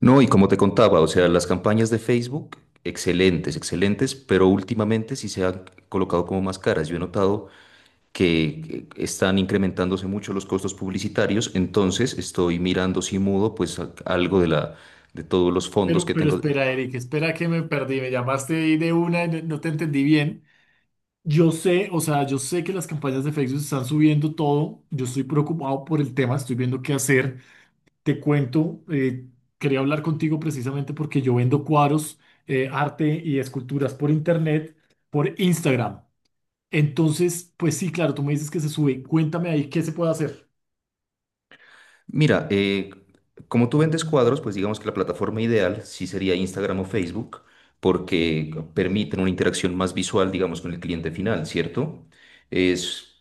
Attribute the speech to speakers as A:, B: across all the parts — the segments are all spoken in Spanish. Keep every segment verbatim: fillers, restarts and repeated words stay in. A: No, y como te contaba, o sea, las campañas de Facebook, excelentes, excelentes, pero últimamente sí se han colocado como más caras. Yo he notado que eh, están incrementándose mucho los costos publicitarios, entonces estoy mirando si mudo, pues a- algo de la, de todos los fondos
B: Pero,
A: que
B: pero
A: tengo.
B: espera, Eric, espera que me perdí. Me llamaste ahí de una y no no te entendí bien. Yo sé, o sea, yo sé que las campañas de Facebook están subiendo todo. Yo estoy preocupado por el tema, estoy viendo qué hacer. Te cuento, eh, quería hablar contigo precisamente porque yo vendo cuadros, eh, arte y esculturas por internet, por Instagram. Entonces, pues sí, claro, tú me dices que se sube. Cuéntame ahí qué se puede hacer.
A: Mira, eh, como tú vendes cuadros, pues digamos que la plataforma ideal sí sería Instagram o Facebook, porque permiten una interacción más visual, digamos, con el cliente final, ¿cierto? Es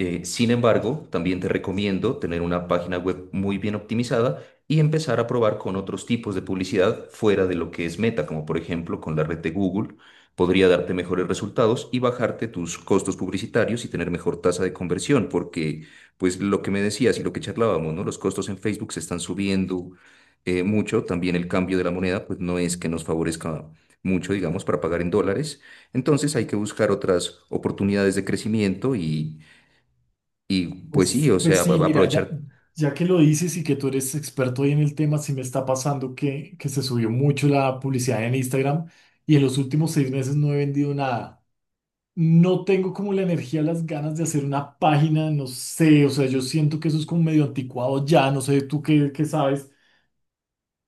A: Eh, sin embargo, también te recomiendo tener una página web muy bien optimizada y empezar a probar con otros tipos de publicidad fuera de lo que es Meta, como por ejemplo con la red de Google. Podría darte mejores resultados y bajarte tus costos publicitarios y tener mejor tasa de conversión, porque pues lo que me decías y lo que charlábamos, ¿no? Los costos en Facebook se están subiendo eh, mucho, también el cambio de la moneda pues no es que nos favorezca mucho, digamos, para pagar en dólares. Entonces hay que buscar otras oportunidades de crecimiento y y pues sí,
B: Pues,
A: o sea,
B: pues sí,
A: a-
B: mira, ya,
A: aprovechar.
B: ya que lo dices y que tú eres experto ahí en el tema, sí me está pasando que, que se subió mucho la publicidad en Instagram y en los últimos seis meses no he vendido nada. No tengo como la energía, las ganas de hacer una página, no sé, o sea, yo siento que eso es como medio anticuado ya, no sé, tú qué, qué sabes.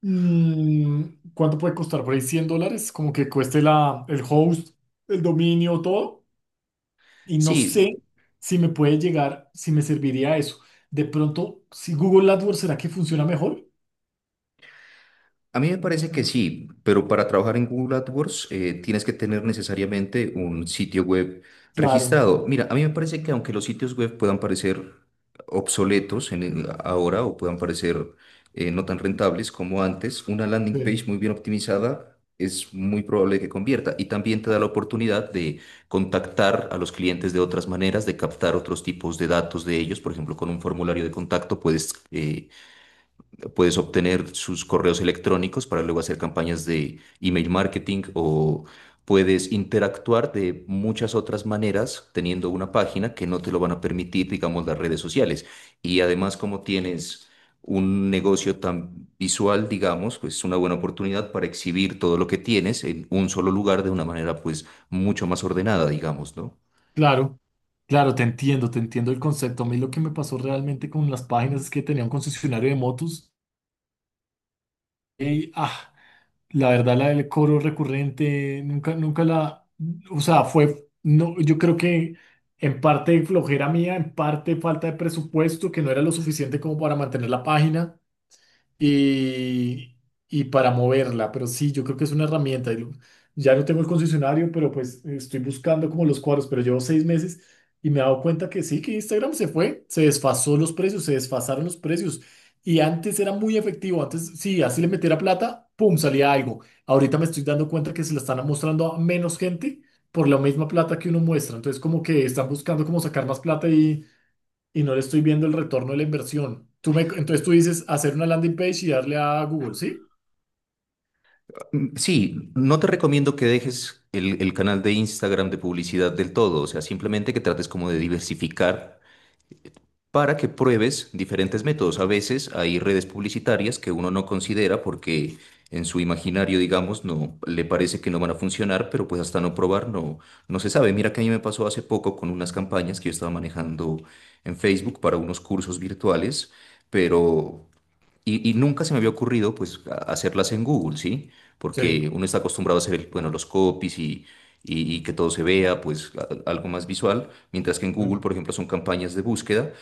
B: Mm, ¿cuánto puede costar por ahí? ¿Cien dólares? Como que cueste la, el host, el dominio, todo y no sé
A: Sí,
B: si me puede llegar, si me serviría eso. De pronto, si Google AdWords, ¿será que funciona mejor?
A: a mí me parece que sí, pero para trabajar en Google AdWords eh, tienes que tener necesariamente un sitio web
B: Claro,
A: registrado. Mira, a mí me parece que aunque los sitios web puedan parecer obsoletos en el- ahora o puedan parecer eh, no tan rentables como antes, una landing
B: sí,
A: page muy bien optimizada es muy probable que convierta y también te da la oportunidad de contactar a los clientes de otras maneras, de captar otros tipos de datos de ellos, por ejemplo, con un formulario de contacto puedes... eh, Puedes obtener sus correos electrónicos para luego hacer campañas de email marketing o puedes interactuar de muchas otras maneras teniendo una página que no te lo van a permitir, digamos, las redes sociales. Y además, como tienes un negocio tan visual, digamos, pues es una buena oportunidad para exhibir todo lo que tienes en un solo lugar de una manera, pues, mucho más ordenada, digamos, ¿no?
B: claro, claro, te entiendo, te entiendo el concepto. A mí lo que me pasó realmente con las páginas es que tenía un concesionario de motos y, ah, la verdad, la del cobro recurrente, nunca, nunca la, o sea, fue, no, yo creo que en parte flojera mía, en parte falta de presupuesto, que no era lo suficiente como para mantener la página. y, y para moverla. Pero sí, yo creo que es una herramienta. y lo- Ya no tengo el concesionario, pero pues estoy buscando como los cuadros, pero llevo seis meses y me he dado cuenta que sí, que Instagram se fue, se desfasó los precios, se desfasaron los precios. Y antes era muy efectivo, antes sí, así le metiera plata, pum, salía algo. Ahorita me estoy dando cuenta que se la están mostrando a menos gente por la misma plata que uno muestra. Entonces como que están buscando como sacar más plata y no le estoy viendo el retorno de la inversión. Tú me, entonces tú dices hacer una landing page y darle a Google, ¿sí?
A: Mm, Sí, no te recomiendo que dejes el, el canal de Instagram de publicidad del todo, o sea, simplemente que trates como de diversificar para que pruebes diferentes métodos. A veces hay redes publicitarias que uno no considera porque en su imaginario, digamos, no le parece que no van a funcionar, pero pues hasta no probar no, no se sabe. Mira que a mí me pasó hace poco con unas campañas que yo estaba manejando en Facebook para unos cursos virtuales, pero y, y nunca se me había ocurrido pues a- hacerlas en Google, ¿sí?
B: Sí,
A: Porque uno está acostumbrado a hacer, el- bueno, los copies y, y- y que todo se vea, pues a- algo más visual, mientras que en Google,
B: claro,
A: por ejemplo, son campañas de búsqueda.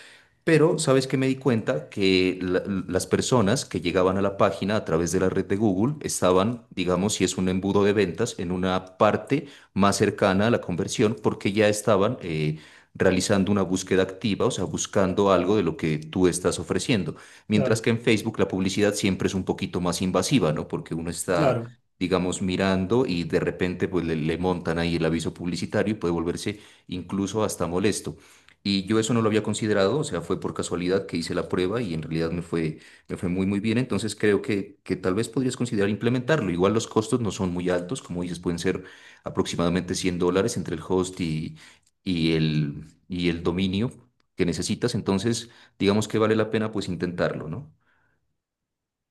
A: Pero, ¿sabes qué me di cuenta? Que la- las personas que llegaban a la página a través de la red de Google estaban, digamos, si es un embudo de ventas, en una parte más cercana a la conversión porque ya estaban eh, realizando una búsqueda activa, o sea, buscando algo de lo que tú estás ofreciendo. Mientras que
B: claro,
A: en Facebook la publicidad siempre es un poquito más invasiva, ¿no? Porque uno está,
B: claro.
A: digamos, mirando y de repente pues le, le montan ahí el aviso publicitario y puede volverse incluso hasta molesto. Y yo eso no lo había considerado, o sea, fue por casualidad que hice la prueba y en realidad me fue, me fue muy, muy bien. Entonces creo que, que tal vez podrías considerar implementarlo. Igual los costos no son muy altos, como dices, pueden ser aproximadamente cien dólares entre el host y, y el, y el dominio que necesitas. Entonces, digamos que vale la pena pues intentarlo, ¿no?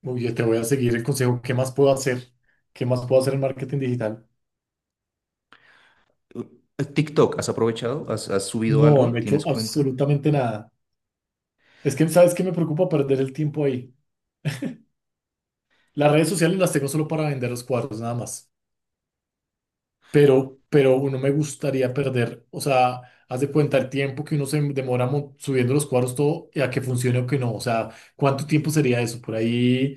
B: Muy bien, te voy a seguir el consejo. ¿Qué más puedo hacer? ¿Qué más puedo hacer en marketing digital?
A: U- TikTok, ¿has aprovechado? ¿Has, has subido
B: No,
A: algo?
B: no he hecho
A: ¿Tienes cuenta?
B: absolutamente nada. Es que, ¿sabes qué? Me preocupa perder el tiempo ahí. Las redes sociales las tengo solo para vender los cuadros, nada más. Pero, pero no me gustaría perder, o sea, haz de cuenta el tiempo que uno se demora mo- subiendo los cuadros todo y a que funcione o que no. O sea, ¿cuánto tiempo sería eso? Por ahí.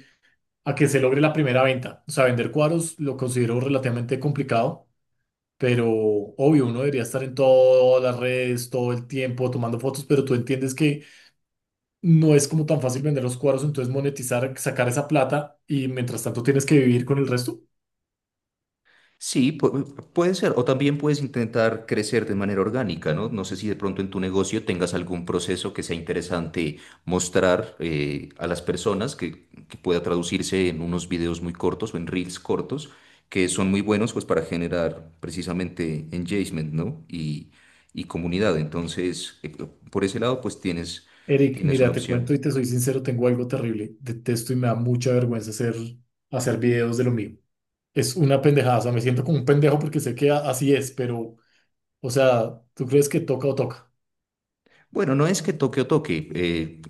B: A que se logre la primera venta. O sea, vender cuadros lo considero relativamente complicado, pero obvio, uno debería estar en todas las redes todo el tiempo tomando fotos, pero tú entiendes que no es como tan fácil vender los cuadros, entonces monetizar, sacar esa plata y mientras tanto tienes que vivir con el resto.
A: Sí, pu- puede ser. O también puedes intentar crecer de manera orgánica, ¿no? No sé si de pronto en tu negocio tengas algún proceso que sea interesante mostrar eh, a las personas que, que pueda traducirse en unos videos muy cortos o en reels cortos, que son muy buenos pues para generar precisamente engagement, ¿no? Y, y comunidad. Entonces, eh, por ese lado pues tienes,
B: Eric,
A: tienes una
B: mira, te
A: opción.
B: cuento y te soy sincero, tengo algo terrible. Detesto y me da mucha vergüenza hacer, hacer videos de lo mío. Es una pendejada, o sea, me siento como un pendejo porque sé que a- así es, pero, o sea, ¿tú crees que toca o toca?
A: Bueno, no es que toque o toque, eh,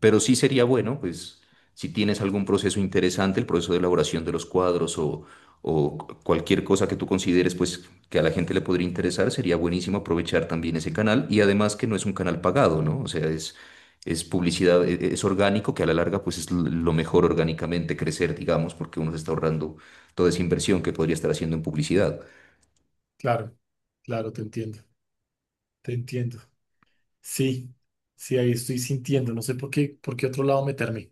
A: pero sí sería bueno, pues, si tienes algún proceso interesante, el proceso de elaboración de los cuadros o, o cualquier cosa que tú consideres, pues, que a la gente le podría interesar, sería buenísimo aprovechar también ese canal y además que no es un canal pagado, ¿no? O sea, es, es publicidad, e- e- es orgánico, que a la larga, pues, es l- lo mejor orgánicamente crecer, digamos, porque uno se está ahorrando toda esa inversión que podría estar haciendo en publicidad.
B: Claro, claro, te entiendo, te entiendo. Sí, sí, ahí estoy sintiendo, no sé por qué, por qué otro lado meterme.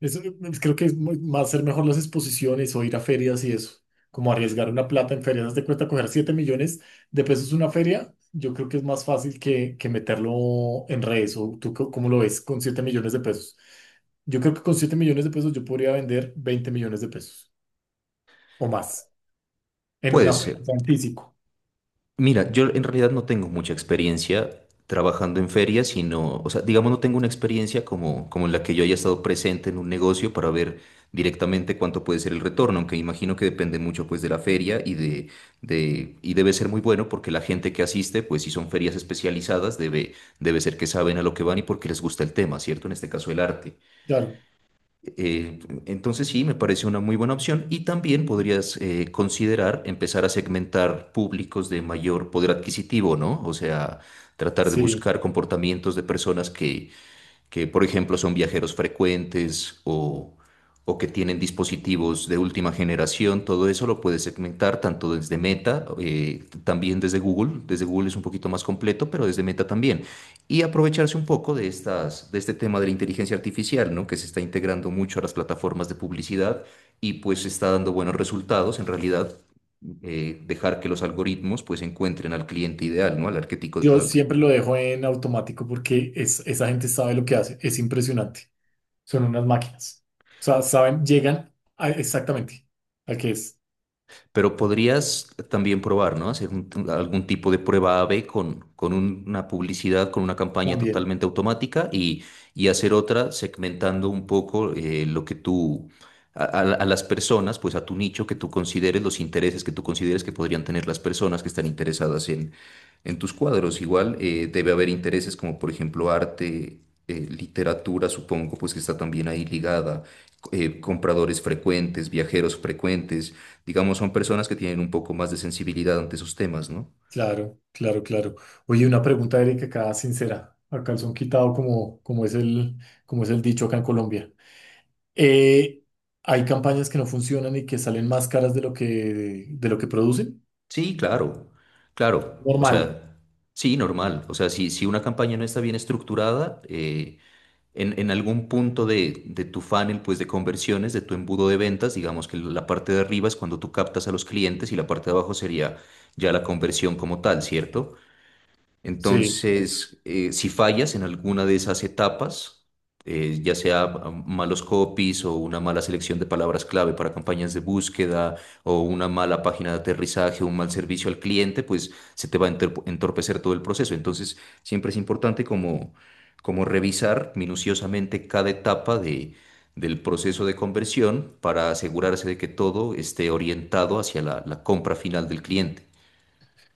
B: Eso, eh, creo que es muy- más ser mejor las exposiciones o ir a ferias y eso, como arriesgar una plata en ferias, haz de cuenta coger siete millones de pesos una feria, yo creo que es más fácil que, que meterlo en redes o tú co- cómo lo ves con siete millones de pesos. Yo creo que con siete millones de pesos yo podría vender veinte millones de pesos o más en
A: Puede
B: una feria, o
A: ser.
B: sea, en físico.
A: Mira, yo en realidad no tengo mucha experiencia trabajando en ferias, sino, o sea, digamos, no tengo una experiencia como, como en la que yo haya estado presente en un negocio para ver directamente cuánto puede ser el retorno, aunque imagino que depende mucho pues de la feria y de, de, y debe, ser muy bueno porque la gente que asiste, pues si son ferias especializadas, debe, debe ser que saben a lo que van y porque les gusta el tema, ¿cierto? En este caso el arte.
B: Claro,
A: Eh, entonces sí, me parece una muy buena opción y también podrías eh, considerar empezar a segmentar públicos de mayor poder adquisitivo, ¿no? O sea, tratar de
B: sí.
A: buscar comportamientos de personas que que por ejemplo son viajeros frecuentes o, o que tienen dispositivos de última generación, todo eso lo puedes segmentar tanto desde Meta, eh, también desde Google, desde Google es un poquito más completo, pero desde Meta también, y aprovecharse un poco de estas, de este tema de la inteligencia artificial, ¿no? Que se está integrando mucho a las plataformas de publicidad y pues está dando buenos resultados en realidad. Eh, dejar que los algoritmos pues encuentren al cliente ideal, ¿no? Al arquetipo,
B: Yo
A: al,
B: siempre lo dejo en automático porque es, esa gente sabe lo que hace. Es impresionante. Son unas máquinas. O sea, saben, llegan a- exactamente a qué es.
A: Pero podrías también probar, ¿no? Hacer un- algún tipo de prueba A/B con, con un- una publicidad, con una campaña
B: También.
A: totalmente automática y, y hacer otra segmentando un poco eh, lo que tú, a, a- a las personas, pues a tu nicho que tú consideres, los intereses que tú consideres que podrían tener las personas que están interesadas en, en tus cuadros. Igual eh, debe haber intereses como, por ejemplo, arte, eh, literatura, supongo, pues que está también ahí ligada, eh, compradores frecuentes, viajeros frecuentes. Digamos, son personas que tienen un poco más de sensibilidad ante esos temas, ¿no?
B: Claro, claro, claro. Oye, una pregunta, Erika, acá sincera. A calzón quitado, como, como es el, como es el dicho acá en Colombia. Eh, ¿hay campañas que no funcionan y que salen más caras de lo que, de lo que producen?
A: Sí, claro, claro. O
B: Normal.
A: sea, sí, normal. O sea, si, si una campaña no está bien estructurada, eh, en, en algún punto de, de tu funnel, pues de conversiones, de tu embudo de ventas, digamos que la parte de arriba es cuando tú captas a los clientes y la parte de abajo sería ya la conversión como tal, ¿cierto?
B: Sí,
A: Entonces, eh, si fallas en alguna de esas etapas, eh, ya sea mm, malos copies o una mala selección de palabras clave para campañas de búsqueda o una mala página de aterrizaje, un mal servicio al cliente, pues se te va a enterp- entorpecer todo el proceso. Entonces, siempre es importante como, como revisar minuciosamente cada etapa de, del proceso de conversión para asegurarse de que todo esté orientado hacia la la compra final del cliente.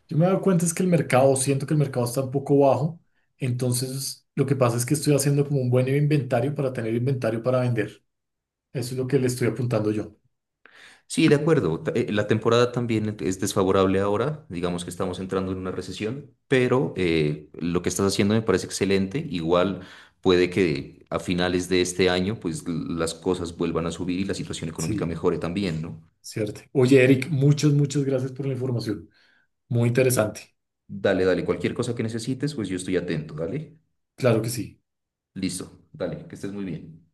B: yo me he dado cuenta es que el mercado, siento que el mercado está un poco bajo, entonces lo que pasa es que estoy haciendo como un buen inventario para tener inventario para vender. Eso es lo que le estoy apuntando yo,
A: Sí, de acuerdo. Ta- eh, La temporada también e, es desfavorable ahora, digamos que estamos entrando en una recesión, pero eh, lo que estás haciendo me parece excelente. Igual puede que a finales de este año, pues l- las cosas vuelvan a subir y la situación económica
B: sí.
A: mejore también, ¿no?
B: ¿Cierto? Oye, Eric, muchas, muchas gracias por la información. Muy interesante.
A: Dale, dale, cualquier cosa que necesites, pues yo estoy atento, dale.
B: Claro que sí.
A: Listo, dale, que estés muy bien.